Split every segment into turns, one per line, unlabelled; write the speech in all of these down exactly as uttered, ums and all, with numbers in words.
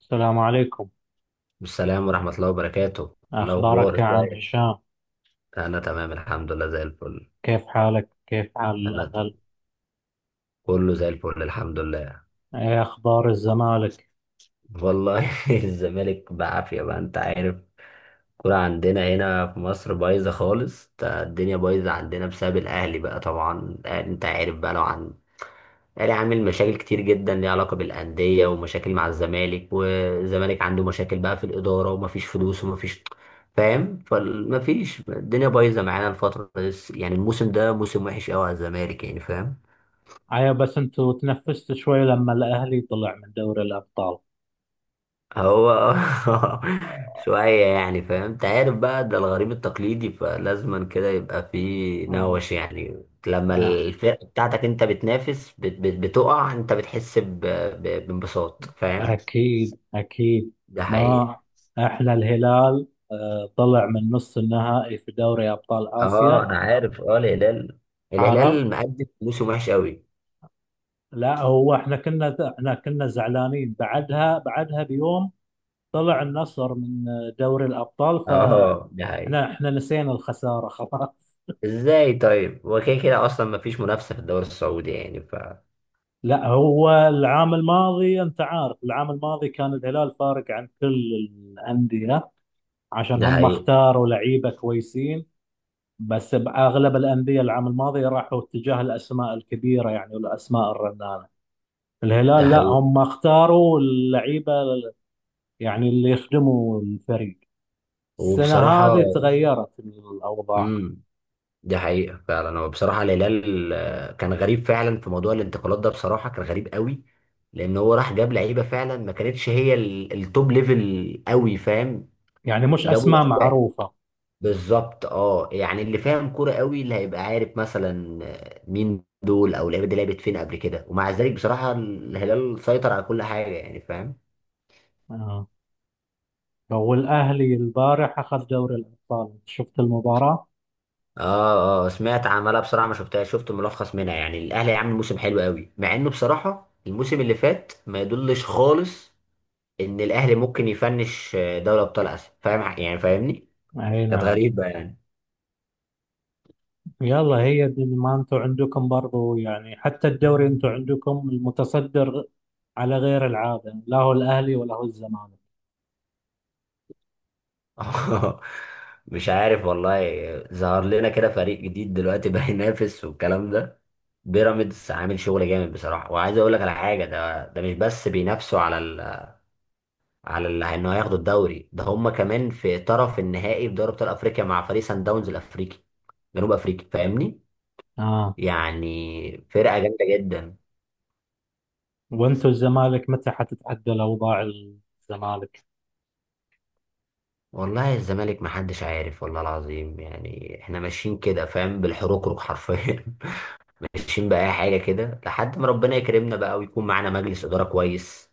السلام عليكم.
السلام ورحمة الله وبركاته. الأخبار
أخبارك يا عم
ازيك؟
هشام؟
أنا تمام الحمد لله زي الفل.
كيف حالك؟ كيف حال
أنا ت-
الأهل؟
كله زي الفل الحمد لله.
إيه أخبار الزمالك؟
والله الزمالك بعافية بقى أنت عارف. الكورة عندنا هنا في مصر بايظة خالص، تا- الدنيا بايظة عندنا بسبب الأهلي بقى. طبعا الأهلي أنت عارف بقى، لو عن الاهلي، عامل مشاكل كتير جدا ليها علاقه بالانديه، ومشاكل مع الزمالك. والزمالك عنده مشاكل بقى في الاداره، ومفيش فلوس ومفيش، فاهم، فمفيش، الدنيا بايظه معانا الفتره دي. يعني الموسم ده موسم وحش قوي على الزمالك، يعني فاهم.
أيوة، بس أنتوا تنفست شوي لما الأهلي طلع من دوري الأبطال.
هو شويه يعني، فاهم انت عارف بقى، ده الغريم التقليدي، فلازما كده يبقى في
آه.
نوش. يعني لما
آه.
الفرقه بتاعتك انت بتنافس بت- بت- بتقع، انت بتحس ب- ب- بانبساط، فاهم.
أكيد أكيد.
ده حقيقي.
ما إحنا الهلال آه، طلع من نص النهائي في دوري أبطال
اه
آسيا.
انا عارف. اه الهلال،
عرب.
الهلال مقدم موسم وحش قوي.
لا، هو إحنا كنا إحنا كنا زعلانين بعدها بعدها بيوم. طلع النصر من آه، دوري الأبطال.
اه ده حقيقي.
احنا احنا نسينا الخساره خلاص.
ازاي طيب؟ هو كده كده اصلا مفيش منافسه في الدوري السعودي، يعني ف.
لا، هو العام الماضي انت عارف، العام الماضي كان الهلال فارق عن كل الانديه، عشان
ده
هم
حقيقي.
اختاروا لعيبه كويسين. بس باغلب الانديه العام الماضي راحوا اتجاه الاسماء الكبيره، يعني والاسماء الرنانه.
ده
الهلال، لا،
حقيقي.
هم اختاروا اللعيبه، يعني اللي يخدموا الفريق. السنه
وبصراحه،
هذه تغيرت الاوضاع،
امم ده حقيقه فعلا. هو بصراحه الهلال آه، كان غريب فعلا في موضوع الانتقالات ده، بصراحه كان غريب قوي. لان هو راح جاب لعيبه فعلا ما كانتش هي ال- التوب ليفل قوي، فاهم.
يعني مش
جابوا
اسماء
لعيبه.
معروفه.
بالظبط اه، يعني اللي فاهم كوره قوي اللي هيبقى عارف مثلا مين دول او اللعيبه دي لعبت فين قبل كده. ومع ذلك بصراحه الهلال سيطر على كل حاجه، يعني فاهم.
آه. هو الأهلي البارح أخذ دوري الأبطال، شفت المباراة؟
اه اه سمعت، عمالة بصراحه ما شفتها، شفت ملخص منها. يعني الاهلي عامل موسم حلو قوي، مع انه بصراحه الموسم اللي فات ما يدلش خالص ان الاهلي ممكن يفنش دوري ابطال اسيا، فاهم يعني فاهمني.
أي
كانت
نعم.
غريبه يعني.
يلا، هي دي، ما أنتوا عندكم برضو، يعني حتى الدوري أنتوا عندكم المتصدر على غير العادة، لا هو الأهلي ولا هو الزمالك.
مش عارف والله. ظهر لنا كده فريق جديد دلوقتي بقى ينافس والكلام ده. بيراميدز عامل شغل جامد بصراحه. وعايز اقول لك على حاجه، ده ده مش بس بينافسوا على ال... على ال... انه هياخدوا الدوري، ده هم كمان في طرف النهائي في دوري ابطال افريقيا مع فريق سان داونز الافريقي، جنوب افريقيا، فاهمني.
آه.
يعني فرقه جامده جدا.
وأنتوا الزمالك، متى حتتعدل أوضاع الزمالك؟
والله الزمالك محدش عارف، والله العظيم. يعني احنا ماشيين كده فاهم، بالحروق حرفيا. ماشيين بأي حاجة كده لحد ما ربنا يكرمنا بقى، ويكون معانا مجلس إدارة كويس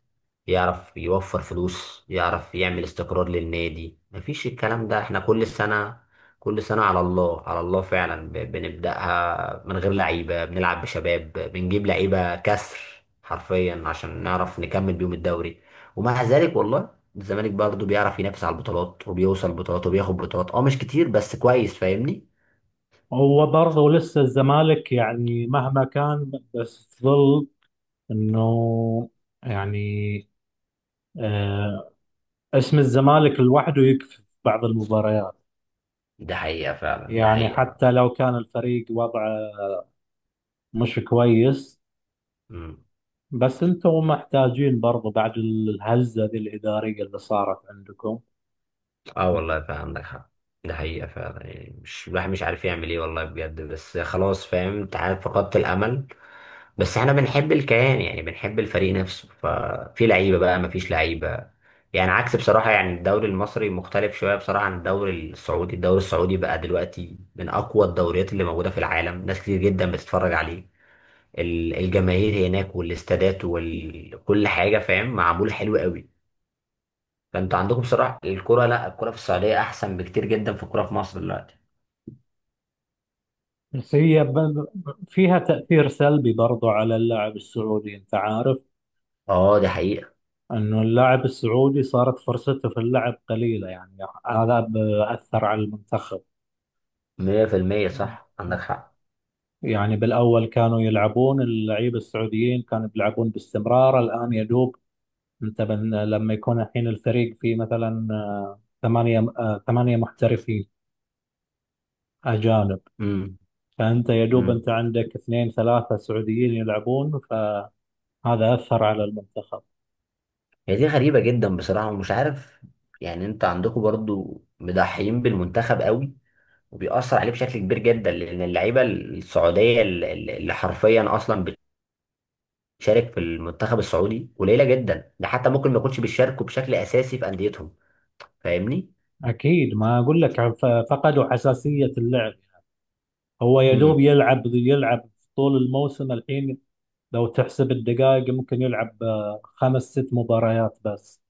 يعرف يوفر فلوس، يعرف يعمل استقرار للنادي. مفيش الكلام ده، احنا كل سنة، كل سنة على الله على الله فعلا ب- بنبدأها من غير لعيبة، بنلعب بشباب، بنجيب لعيبة كسر حرفيا عشان نعرف نكمل بيهم الدوري. ومع ذلك والله الزمالك برضه بيعرف ينافس على البطولات، وبيوصل بطولات وبياخد بطولات، اه مش كتير بس كويس، فاهمني.
هو برضو لسه الزمالك، يعني مهما كان بس ظل إنه، يعني، آه اسم الزمالك لوحده يكفي في بعض المباريات،
ده حقيقة فعلا. ده
يعني
حقيقة.
حتى لو كان الفريق وضعه مش كويس.
مم.
بس انتم محتاجين برضو بعد الهزة ذي الإدارية اللي صارت عندكم.
اه والله فعلا عندك حق. ده حقيقة فعلا. يعني مش الواحد مش عارف يعمل ايه والله بجد. بس خلاص فاهم، انت عارف، فقدت الأمل. بس احنا بنحب الكيان، يعني بنحب الفريق نفسه. ففي لعيبة بقى مفيش لعيبة. يعني عكس بصراحة. يعني الدوري المصري مختلف شوية بصراحة عن الدوري السعودي. الدوري السعودي بقى دلوقتي من أقوى الدوريات اللي موجودة في العالم، ناس كتير جدا بتتفرج عليه. ال- الجماهير هناك والاستادات وكل حاجة، فاهم، معمول حلو قوي. فانتوا عندكم بصراحه الكوره، لا الكوره في السعوديه احسن بكتير جدا في الكوره في مصر دلوقتي.
بس هي ب- فيها تأثير سلبي برضو على اللاعب السعودي، انت عارف،
اه دي حقيقه.
انه اللاعب السعودي صارت فرصته في اللعب قليلة يعني. هذا بأثر على المنتخب.
مية في المية صح عندك حق.
يعني بالأول كانوا يلعبون، اللعيبة السعوديين كانوا بيلعبون باستمرار، الآن يدوب انت، من لما يكون الحين الفريق فيه مثلا آه، ثمانية آه، ثمانية محترفين أجانب.
امم
فأنت يا دوب،
امم
أنت عندك اثنين ثلاثة سعوديين يلعبون. فهذا أثر على المنتخب.
هي دي غريبه جدا بصراحه ومش عارف. يعني انت عندكم برضو مضحيين بالمنتخب قوي، وبيأثر عليه بشكل كبير جدا. لان اللعيبه السعوديه اللي اللي حرفيا اصلا بتشارك في المنتخب السعودي قليله جدا، ده حتى ممكن ما يكونش بيشاركوا بشكل اساسي في انديتهم، فاهمني.
أكيد، ما أقول لك عن- ف- فقدوا حساسية اللعب. هو يا دوب
امم
يلعب يلعب طول الموسم الحين. لو تحسب الدقائق ممكن يلعب آه، خمس ست مباريات بس.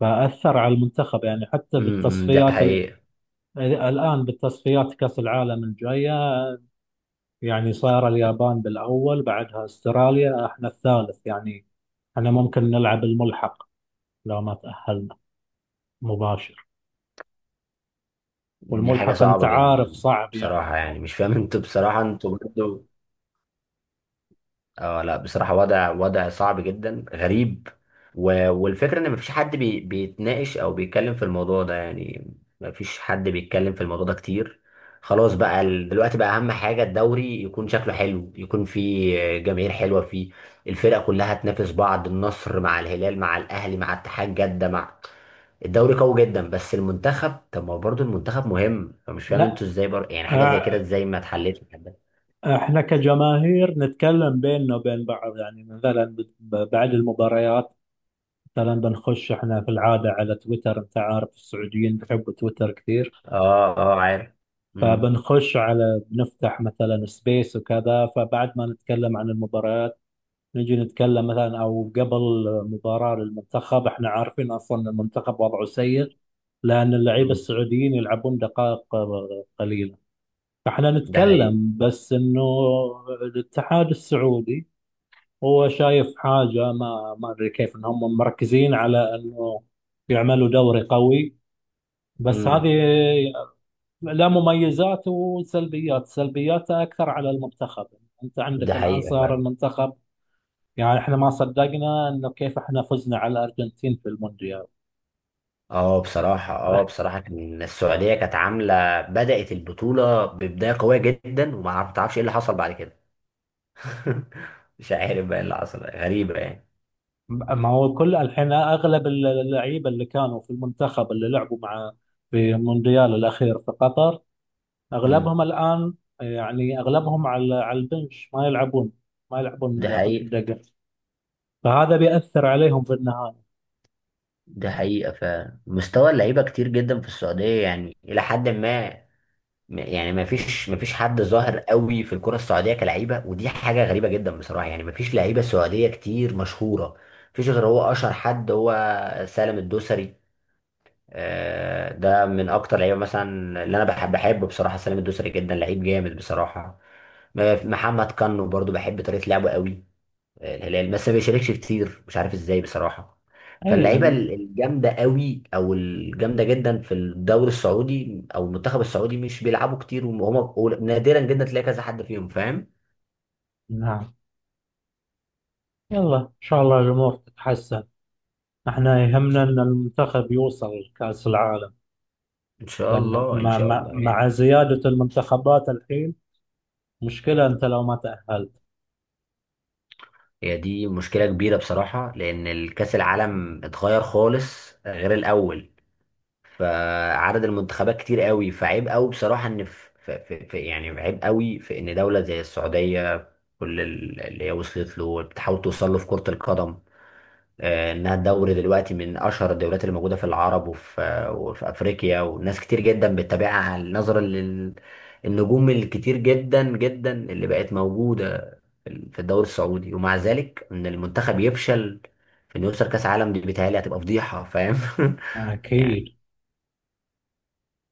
فأثر على المنتخب، يعني حتى
امم ده
بالتصفيات ال-
حقيقي.
الآن بالتصفيات كأس العالم الجاية. يعني صار اليابان بالأول، بعدها استراليا، احنا الثالث يعني. احنا ممكن نلعب الملحق لو ما تأهلنا مباشر.
دي حاجة
والملحق انت
صعبة
عارف
جدا.
صعب يعني
بصراحة يعني
يكون.
مش فاهم انتوا، بصراحة انتوا برضو، اه لا بصراحة وضع وضع صعب جدا غريب. و... والفكرة ان مفيش حد بي... بيتناقش او بيتكلم في الموضوع ده، يعني مفيش حد بيتكلم في الموضوع ده كتير. خلاص بقى، ال- دلوقتي بقى اهم حاجة الدوري يكون شكله حلو، يكون فيه جماهير حلوة، فيه الفرق كلها تنافس بعض، النصر مع الهلال مع الاهلي مع اتحاد جدة مع، الدوري قوي جدا. بس المنتخب، طب ما هو برضه المنتخب مهم. فمش فاهم انتوا
لا،
ازاي برضه يعني حاجة زي كده
اه،
ازاي ما اتحلتش لحد دلوقتي؟
احنا كجماهير نتكلم بيننا وبين بعض، يعني مثلا ب- ب- بعد المباريات. مثلا بنخش احنا في العادة على تويتر، انت عارف السعوديين بيحبوا تويتر كثير.
اه اه عارف. امم
فبنخش على بنفتح مثلا سبيس وكذا، فبعد ما نتكلم عن المباريات نجي نتكلم، مثلا او قبل مباراة للمنتخب احنا عارفين اصلا المنتخب وضعه سيء، لان اللعيبة السعوديين يلعبون دقائق قليلة. فاحنا
ده حقيقة.
نتكلم بس انه الاتحاد السعودي هو شايف حاجة، ما ما ادري كيف انهم مركزين على انه يعملوا دوري قوي. بس هذه
امم
لا، مميزات وسلبيات، سلبياتها اكثر على المنتخب. انت
ده
عندك الان
حقيقة
صار
فعلا.
المنتخب، يعني احنا ما صدقنا انه كيف احنا فزنا على الارجنتين في المونديال.
اه بصراحة اه بصراحة كان السعودية كانت عاملة بدأت البطولة ببداية قوية جدا، وما تعرفش ايه اللي حصل بعد كده. مش عارف بقى ايه اللي حصل، غريبة يعني.
ما هو، كل الحين اغلب اللعيبه اللي كانوا في المنتخب اللي لعبوا مع، في المونديال الاخير في قطر
امم
اغلبهم الان، يعني اغلبهم على على البنش ما يلعبون. ما يلعبون
ده حقيقة.
دقه، فهذا بيأثر عليهم في النهايه.
ده حقيقة. فمستوى اللعيبة كتير جدا في السعودية يعني إلى حد ما. ما- يعني ما فيش ما فيش حد ظاهر قوي في الكرة السعودية كلعيبة، ودي حاجة غريبة جدا بصراحة. يعني ما فيش لعيبة سعودية كتير مشهورة. ما فيش غير هو، أشهر حد هو سالم الدوسري. آه، ده من اكتر لعيبه مثلا اللي انا بحب بحب بصراحه. سلام الدوسري جدا لعيب جامد بصراحه. م- محمد كانو برضو بحب طريقه لعبه قوي. آه، الهلال بس ما بيشاركش كتير، مش عارف ازاي بصراحه.
اي
فاللعيبه
لان.
ال- الجامده قوي او الجامده جدا في الدوري السعودي او المنتخب السعودي مش بيلعبوا كتير، وهم نادرا جدا تلاقي كذا حد فيهم، فاهم.
نعم. يلا، ان شاء الله الامور تتحسن. احنا يهمنا ان المنتخب يوصل لكأس العالم،
ان شاء
لان
الله، ان
مع
شاء
مع
الله
مع
يعني.
زياده المنتخبات الحين مشكلة. أنت لو ما تأهلت.
هي دي مشكله كبيره بصراحه، لان الكاس العالم اتغير خالص غير الاول. فعدد المنتخبات كتير قوي، فعيب قوي بصراحة ان في, في, في يعني عيب قوي في ان دولة زي السعودية كل ال- اللي هي وصلت له بتحاول توصل له في كرة القدم، آه، انها الدوري دلوقتي من اشهر الدوريات اللي موجودة في العرب وفي آه، وفي افريقيا، وناس كتير جدا بتتابعها نظرا للنجوم الكتير جدا جدا اللي بقت موجودة في في الدوري السعودي. ومع ذلك ان المنتخب يفشل في انه يوصل كاس عالم، دي بيتهيألي هتبقى فضيحة، فاهم يعني
أكيد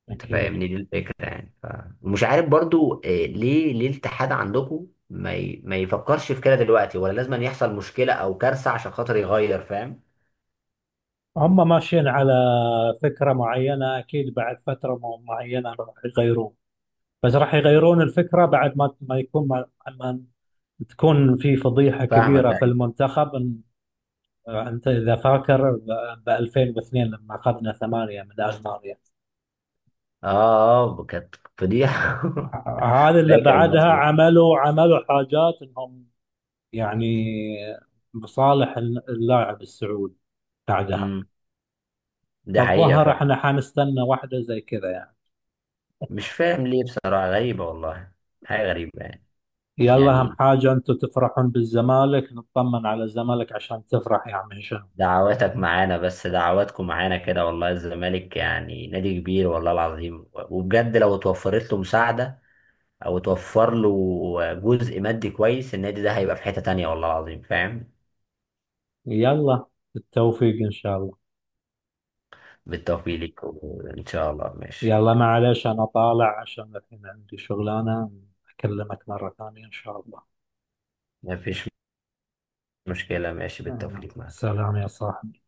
أكيد.
تفهمني دي الفكرة، يعني ف. ومش عارف برضو، آه، ليه ليه الاتحاد عندكم ما ي... ما يفكرش في كده دلوقتي، ولا لازم أن يحصل مشكلة او كارثة عشان خاطر يغير، فاهم.
هم ماشيين على فكرة معينة، أكيد بعد فترة م- معينة راح يغيرون. بس راح يغيرون الفكرة بعد ما ما يكون، ما, ما تكون في فضيحة
فاهمك
كبيرة في
ايوه.
المنتخب إن- أنت إذا فاكر ب ألفين واثنين لما أخذنا ثمانية من ألمانيا.
اه اه كانت فضيحة
ه- هذا اللي
فاكر الماتش
بعدها
ده.
عملوا عملوا حاجات إنهم، يعني، بصالح اللاعب السعودي بعدها.
امم ده حقيقة
فالظهر
فعلا.
احنا حنستنى واحدة زي كذا يعني.
مش فاهم ليه بصراحة غريبة والله. حاجة غريبة يعني.
يلا، اهم
يعني
حاجة انتم تفرحون بالزمالك، نطمن على الزمالك عشان تفرح يا عم هشام.
دعواتك معانا، بس دعواتكم معانا كده، والله الزمالك يعني نادي كبير والله العظيم. وبجد لو اتوفرت له مساعدة او توفر له جزء مادي كويس، النادي ده هيبقى في حتة تانية، والله العظيم، فاهم.
يلا، بالتوفيق ان شاء الله.
بالتوفيق ليك ان شاء الله، ماشي.
يلا معلش، انا طالع عشان الحين عندي شغلانة، اكلمك مرة ثانية ان شاء الله.
مفيش مشكلة، ماشي بالتوفيق
يلا.
ليك، مع
سلام
السلامة.
يا صاحبي.